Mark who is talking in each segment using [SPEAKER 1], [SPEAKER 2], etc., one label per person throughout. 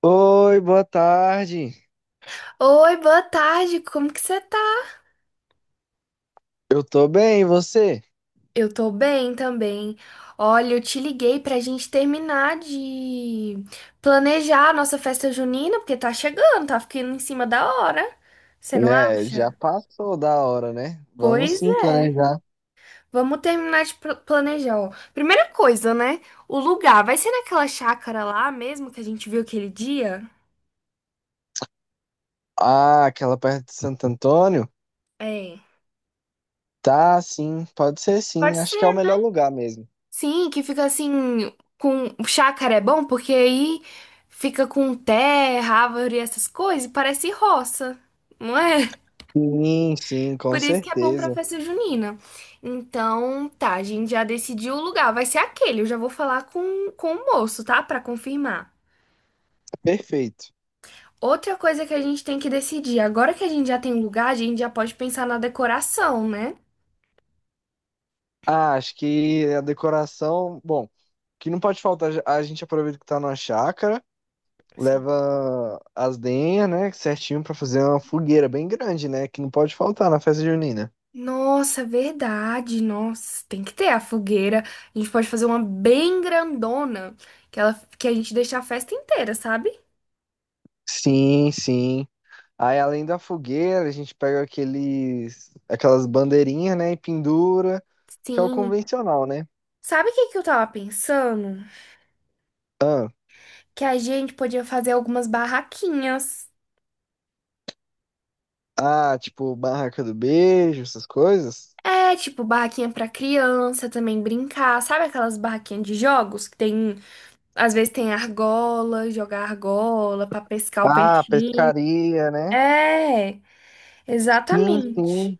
[SPEAKER 1] Oi, boa tarde.
[SPEAKER 2] Oi, boa tarde, como que você tá?
[SPEAKER 1] Eu tô bem, e você?
[SPEAKER 2] Eu tô bem também. Olha, eu te liguei pra gente terminar de planejar a nossa festa junina, porque tá chegando, tá ficando em cima da hora. Você não
[SPEAKER 1] É, já
[SPEAKER 2] acha?
[SPEAKER 1] passou da hora, né? Vamos
[SPEAKER 2] Pois
[SPEAKER 1] sim
[SPEAKER 2] é.
[SPEAKER 1] planejar.
[SPEAKER 2] Vamos terminar de planejar, ó. Primeira coisa, né? O lugar vai ser naquela chácara lá mesmo que a gente viu aquele dia?
[SPEAKER 1] Ah, aquela perto de Santo Antônio?
[SPEAKER 2] É.
[SPEAKER 1] Tá, sim, pode ser
[SPEAKER 2] Pode
[SPEAKER 1] sim. Acho que é o
[SPEAKER 2] ser.
[SPEAKER 1] melhor lugar mesmo.
[SPEAKER 2] Sim, que fica assim com chácara é bom porque aí fica com terra, árvore e essas coisas, e parece roça, não é?
[SPEAKER 1] Sim, sim, com
[SPEAKER 2] Por isso que é bom pra
[SPEAKER 1] certeza.
[SPEAKER 2] festa junina. Então, tá, a gente já decidiu o lugar, vai ser aquele. Eu já vou falar com o moço, tá? Pra confirmar.
[SPEAKER 1] Perfeito.
[SPEAKER 2] Outra coisa que a gente tem que decidir, agora que a gente já tem o lugar, a gente já pode pensar na decoração, né?
[SPEAKER 1] Ah, acho que a decoração, bom, que não pode faltar, a gente aproveita que tá numa chácara,
[SPEAKER 2] Assim.
[SPEAKER 1] leva as lenhas, né, certinho pra fazer uma fogueira bem grande, né, que não pode faltar na festa junina.
[SPEAKER 2] Nossa, verdade. Nossa, tem que ter a fogueira. A gente pode fazer uma bem grandona, que ela, que a gente deixa a festa inteira, sabe?
[SPEAKER 1] Sim, sim. Aí, além da fogueira, a gente pega aqueles, aquelas bandeirinhas, né, e pendura, que é o
[SPEAKER 2] Sim.
[SPEAKER 1] convencional, né?
[SPEAKER 2] Sabe o que que eu tava pensando?
[SPEAKER 1] Ah,
[SPEAKER 2] Que a gente podia fazer algumas barraquinhas.
[SPEAKER 1] tipo, barraca do beijo, essas coisas.
[SPEAKER 2] É, tipo, barraquinha pra criança também brincar. Sabe aquelas barraquinhas de jogos que tem, às vezes tem argola, jogar argola pra pescar o
[SPEAKER 1] Ah,
[SPEAKER 2] peixinho?
[SPEAKER 1] pescaria, né?
[SPEAKER 2] É,
[SPEAKER 1] Sim,
[SPEAKER 2] exatamente.
[SPEAKER 1] sim.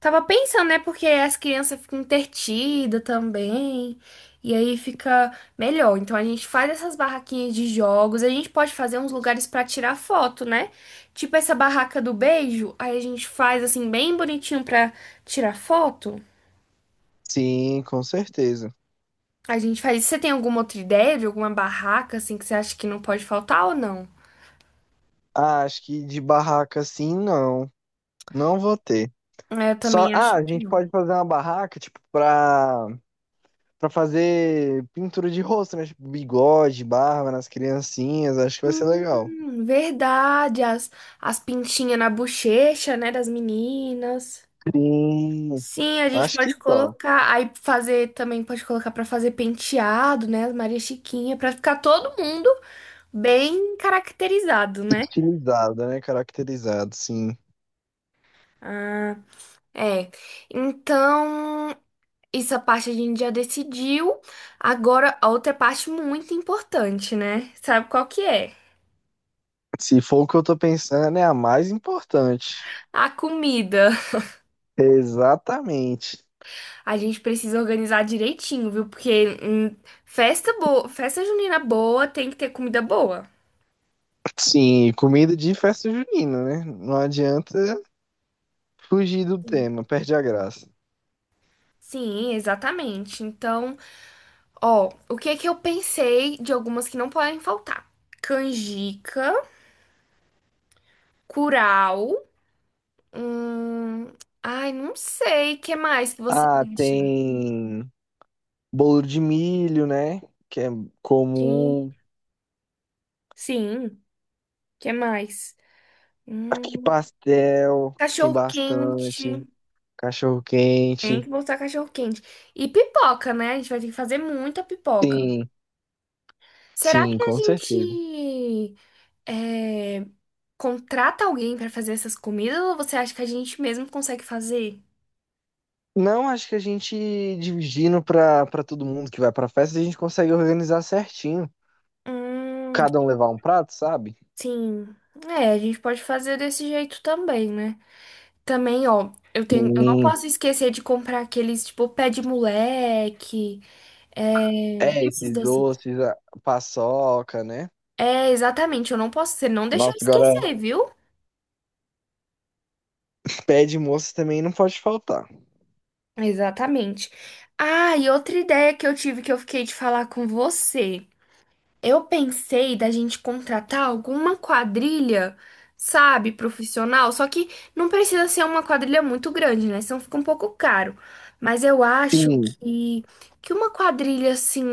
[SPEAKER 2] Tava pensando, né? Porque as crianças ficam entretidas também. E aí fica melhor. Então a gente faz essas barraquinhas de jogos. A gente pode fazer uns lugares pra tirar foto, né? Tipo essa barraca do beijo. Aí a gente faz assim, bem bonitinho pra tirar foto.
[SPEAKER 1] Sim, com certeza.
[SPEAKER 2] A gente faz isso. Você tem alguma outra ideia de alguma barraca assim que você acha que não pode faltar ou não?
[SPEAKER 1] Ah, acho que de barraca, sim, não. Não vou ter.
[SPEAKER 2] É, eu
[SPEAKER 1] Só,
[SPEAKER 2] também
[SPEAKER 1] ah,
[SPEAKER 2] acho
[SPEAKER 1] a
[SPEAKER 2] que
[SPEAKER 1] gente
[SPEAKER 2] não.
[SPEAKER 1] pode fazer uma barraca, tipo, pra fazer pintura de rosto, né? Tipo, bigode, barba nas criancinhas, acho que vai ser legal.
[SPEAKER 2] Verdade. As pintinhas na bochecha, né? Das meninas.
[SPEAKER 1] Sim.
[SPEAKER 2] Sim, a gente
[SPEAKER 1] Acho que
[SPEAKER 2] pode
[SPEAKER 1] só.
[SPEAKER 2] colocar, aí fazer também pode colocar pra fazer penteado, né? As Maria Chiquinha, pra ficar todo mundo bem caracterizado, né?
[SPEAKER 1] Estilizado, né? Caracterizado, sim.
[SPEAKER 2] Ah, é. Então, essa parte a gente já decidiu. Agora, a outra parte muito importante, né? Sabe qual que é?
[SPEAKER 1] Se for o que eu tô pensando, é a mais importante.
[SPEAKER 2] A comida.
[SPEAKER 1] Exatamente.
[SPEAKER 2] A gente precisa organizar direitinho, viu? Porque festa boa, festa junina boa tem que ter comida boa.
[SPEAKER 1] Sim, comida de festa junina, né? Não adianta fugir do tema, perde a graça.
[SPEAKER 2] Sim, exatamente. Então, ó, o que que eu pensei de algumas que não podem faltar? Canjica, curau, hum... Ai, não sei, que mais que você
[SPEAKER 1] Ah,
[SPEAKER 2] acha?
[SPEAKER 1] tem bolo de milho, né? Que é
[SPEAKER 2] Sim,
[SPEAKER 1] comum.
[SPEAKER 2] sim, que mais?
[SPEAKER 1] Aqui
[SPEAKER 2] Hum,
[SPEAKER 1] pastel, tem
[SPEAKER 2] Cachorro
[SPEAKER 1] bastante.
[SPEAKER 2] quente.
[SPEAKER 1] Cachorro
[SPEAKER 2] Tem
[SPEAKER 1] quente.
[SPEAKER 2] que botar cachorro quente. E pipoca, né? A gente vai ter que fazer muita pipoca.
[SPEAKER 1] Sim,
[SPEAKER 2] Será
[SPEAKER 1] sim,
[SPEAKER 2] que a
[SPEAKER 1] com certeza.
[SPEAKER 2] gente é, contrata alguém pra fazer essas comidas ou você acha que a gente mesmo consegue fazer?
[SPEAKER 1] Não, acho que a gente dividindo pra todo mundo que vai pra festa, a gente consegue organizar certinho.
[SPEAKER 2] Hum.
[SPEAKER 1] Cada um levar um prato, sabe?
[SPEAKER 2] Sim, é, a gente pode fazer desse jeito também, né? Também, ó, eu não
[SPEAKER 1] Sim.
[SPEAKER 2] posso esquecer de comprar aqueles, tipo, pé de moleque,
[SPEAKER 1] É,
[SPEAKER 2] esses
[SPEAKER 1] esses
[SPEAKER 2] doces.
[SPEAKER 1] doces, a paçoca, né?
[SPEAKER 2] É, exatamente, eu não posso, você não deixa eu
[SPEAKER 1] Nossa, agora
[SPEAKER 2] esquecer, viu?
[SPEAKER 1] pé de moça também não pode faltar.
[SPEAKER 2] Exatamente. Ah, e outra ideia que eu tive que eu fiquei de falar com você. Eu pensei da gente contratar alguma quadrilha, sabe, profissional, só que não precisa ser uma quadrilha muito grande, né? Senão fica um pouco caro. Mas eu acho
[SPEAKER 1] Sim,
[SPEAKER 2] que, que uma quadrilha assim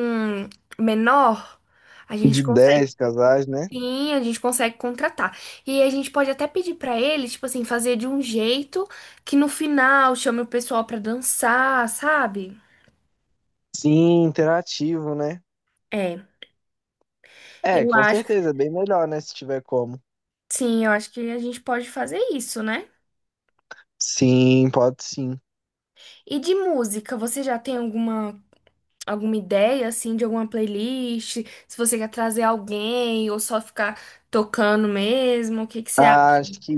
[SPEAKER 2] menor, a
[SPEAKER 1] de
[SPEAKER 2] gente consegue,
[SPEAKER 1] 10 casais, né?
[SPEAKER 2] sim, a gente consegue contratar. E a gente pode até pedir pra eles, tipo assim, fazer de um jeito que no final chame o pessoal pra dançar, sabe?
[SPEAKER 1] Sim, interativo, né?
[SPEAKER 2] É,
[SPEAKER 1] É,
[SPEAKER 2] eu
[SPEAKER 1] com
[SPEAKER 2] acho,
[SPEAKER 1] certeza, é bem melhor, né? Se tiver como.
[SPEAKER 2] sim, eu acho que a gente pode fazer isso, né?
[SPEAKER 1] Sim, pode sim.
[SPEAKER 2] E de música, você já tem alguma ideia assim de alguma playlist? Se você quer trazer alguém ou só ficar tocando mesmo, o que que você acha?
[SPEAKER 1] Acho que,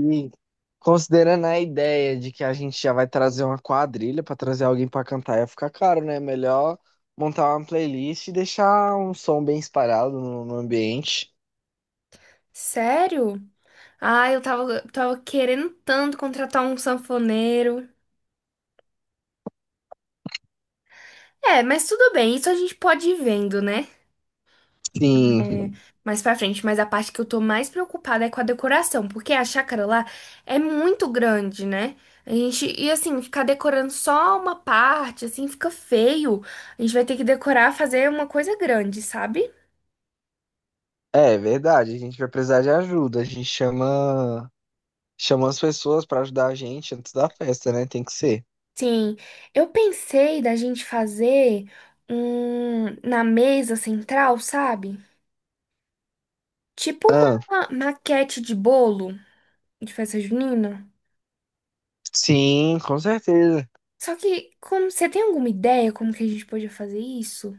[SPEAKER 1] considerando a ideia de que a gente já vai trazer uma quadrilha pra trazer alguém pra cantar, ia ficar caro, né? Melhor montar uma playlist e deixar um som bem espalhado no ambiente.
[SPEAKER 2] Sério? Ah, eu tava querendo tanto contratar um sanfoneiro. É, mas tudo bem, isso a gente pode ir vendo, né?
[SPEAKER 1] Sim,
[SPEAKER 2] Mais pra frente, mas a parte que eu tô mais preocupada é com a decoração, porque a chácara lá é muito grande, né? A gente, e assim, ficar decorando só uma parte, assim, fica feio. A gente vai ter que decorar, fazer uma coisa grande, sabe?
[SPEAKER 1] é verdade. A gente vai precisar de ajuda. Chama as pessoas pra ajudar a gente antes da festa, né? Tem que ser.
[SPEAKER 2] Sim, eu pensei da gente fazer um na mesa central, sabe? Tipo
[SPEAKER 1] Ah,
[SPEAKER 2] uma maquete de bolo de festa junina.
[SPEAKER 1] sim, com certeza.
[SPEAKER 2] Só que, como, você tem alguma ideia como que a gente podia fazer isso?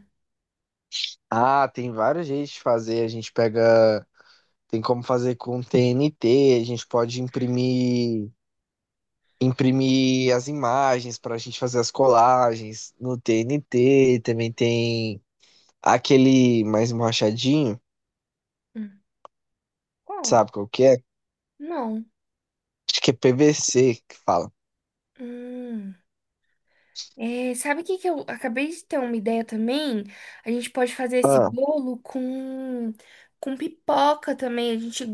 [SPEAKER 1] Ah, tem vários jeitos de fazer. A gente pega. Tem como fazer com TNT, a gente pode imprimir as imagens para a gente fazer as colagens no TNT, também tem aquele mais machadinho,
[SPEAKER 2] Hum. Qual?
[SPEAKER 1] sabe qual que é?
[SPEAKER 2] Não.
[SPEAKER 1] Acho que é PVC que fala.
[SPEAKER 2] Hum, sabe o que que eu acabei de ter uma ideia também? A gente pode fazer esse
[SPEAKER 1] Ah,
[SPEAKER 2] bolo com pipoca também. A gente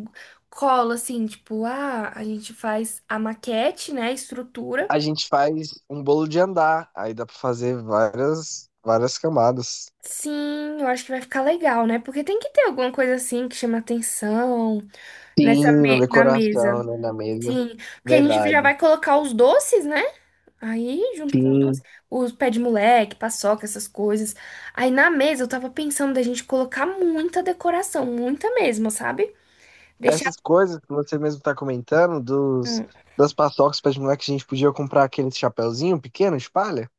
[SPEAKER 2] cola assim, tipo, ah, a gente faz a maquete, né? A estrutura.
[SPEAKER 1] a gente faz um bolo de andar, aí dá para fazer várias várias camadas.
[SPEAKER 2] Sim, eu acho que vai ficar legal, né? Porque tem que ter alguma coisa assim que chama atenção nessa
[SPEAKER 1] Sim, na
[SPEAKER 2] na
[SPEAKER 1] decoração,
[SPEAKER 2] mesa.
[SPEAKER 1] né, na mesa.
[SPEAKER 2] Sim, porque a gente já
[SPEAKER 1] Verdade.
[SPEAKER 2] vai colocar os doces, né? Aí, junto com os doces,
[SPEAKER 1] Sim.
[SPEAKER 2] os pé de moleque, paçoca, essas coisas. Aí na mesa eu tava pensando da gente colocar muita decoração, muita mesmo, sabe? Deixar.
[SPEAKER 1] Essas coisas que você mesmo tá comentando dos
[SPEAKER 2] hum,
[SPEAKER 1] das paçocas para de moleque, a gente podia comprar aquele chapéuzinho pequeno de palha,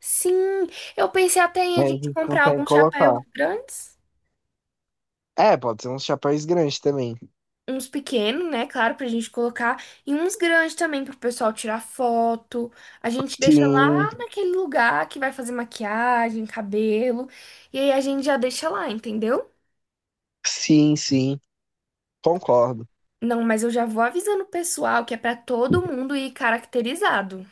[SPEAKER 2] Sim, eu pensei até em
[SPEAKER 1] mas
[SPEAKER 2] a
[SPEAKER 1] a
[SPEAKER 2] gente
[SPEAKER 1] gente
[SPEAKER 2] comprar
[SPEAKER 1] consegue
[SPEAKER 2] alguns
[SPEAKER 1] colocar.
[SPEAKER 2] chapéus grandes,
[SPEAKER 1] É, pode ser uns chapéus grandes também.
[SPEAKER 2] uns pequenos, né? Claro, pra gente colocar, e uns grandes também pro pessoal tirar foto. A gente deixa
[SPEAKER 1] Sim,
[SPEAKER 2] lá naquele lugar que vai fazer maquiagem, cabelo, e aí a gente já deixa lá, entendeu?
[SPEAKER 1] sim, sim. Concordo.
[SPEAKER 2] Não, mas eu já vou avisando o pessoal que é pra todo mundo ir caracterizado.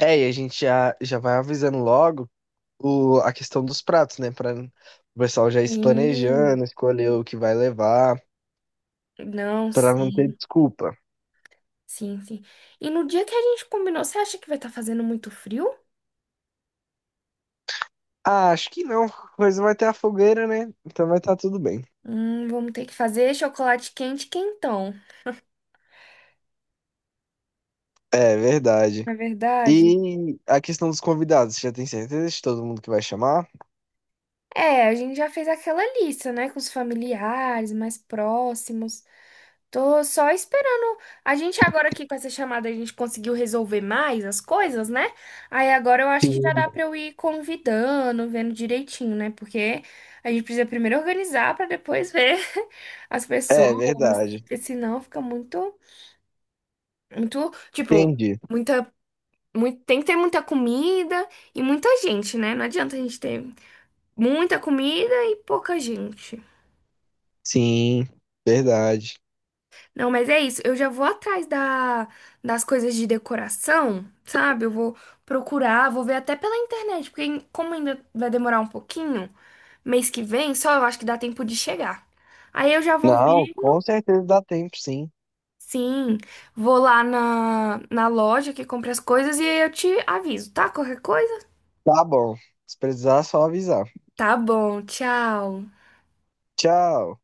[SPEAKER 1] É, e a gente já vai avisando logo o, a questão dos pratos, né? Pra o pessoal já ir se planejando,
[SPEAKER 2] Sim.
[SPEAKER 1] escolher o que vai levar,
[SPEAKER 2] Não,
[SPEAKER 1] pra não ter
[SPEAKER 2] sim,
[SPEAKER 1] desculpa.
[SPEAKER 2] sim, sim. E no dia que a gente combinou, você acha que vai estar fazendo muito frio?
[SPEAKER 1] Ah, acho que não. Coisa vai ter a fogueira, né? Então vai estar tudo bem.
[SPEAKER 2] Vamos ter que fazer chocolate quente quentão.
[SPEAKER 1] É, verdade.
[SPEAKER 2] Não é verdade?
[SPEAKER 1] E a questão dos convidados, você já tem certeza de todo mundo que vai chamar?
[SPEAKER 2] É, a gente já fez aquela lista, né, com os familiares mais próximos. Tô só esperando. A gente agora aqui com essa chamada, a gente conseguiu resolver mais as coisas, né? Aí agora eu acho que já
[SPEAKER 1] Sim.
[SPEAKER 2] dá pra eu ir convidando, vendo direitinho, né? Porque a gente precisa primeiro organizar pra depois ver as
[SPEAKER 1] É,
[SPEAKER 2] pessoas,
[SPEAKER 1] verdade.
[SPEAKER 2] porque senão fica muito, muito, tipo,
[SPEAKER 1] Entendi.
[SPEAKER 2] muita, muito, tem que ter muita comida e muita gente, né? Não adianta a gente ter muita comida e pouca gente.
[SPEAKER 1] Sim, verdade.
[SPEAKER 2] Não, mas é isso. Eu já vou atrás das coisas de decoração, sabe? Eu vou procurar, vou ver até pela internet, porque como ainda vai demorar um pouquinho, mês que vem, só eu acho que dá tempo de chegar. Aí eu já vou ver,
[SPEAKER 1] Não, com certeza dá tempo, sim.
[SPEAKER 2] sim, vou lá na loja que compra as coisas e aí eu te aviso, tá? Qualquer coisa?
[SPEAKER 1] Tá bom. Se precisar, é só avisar.
[SPEAKER 2] Tá bom, tchau.
[SPEAKER 1] Tchau.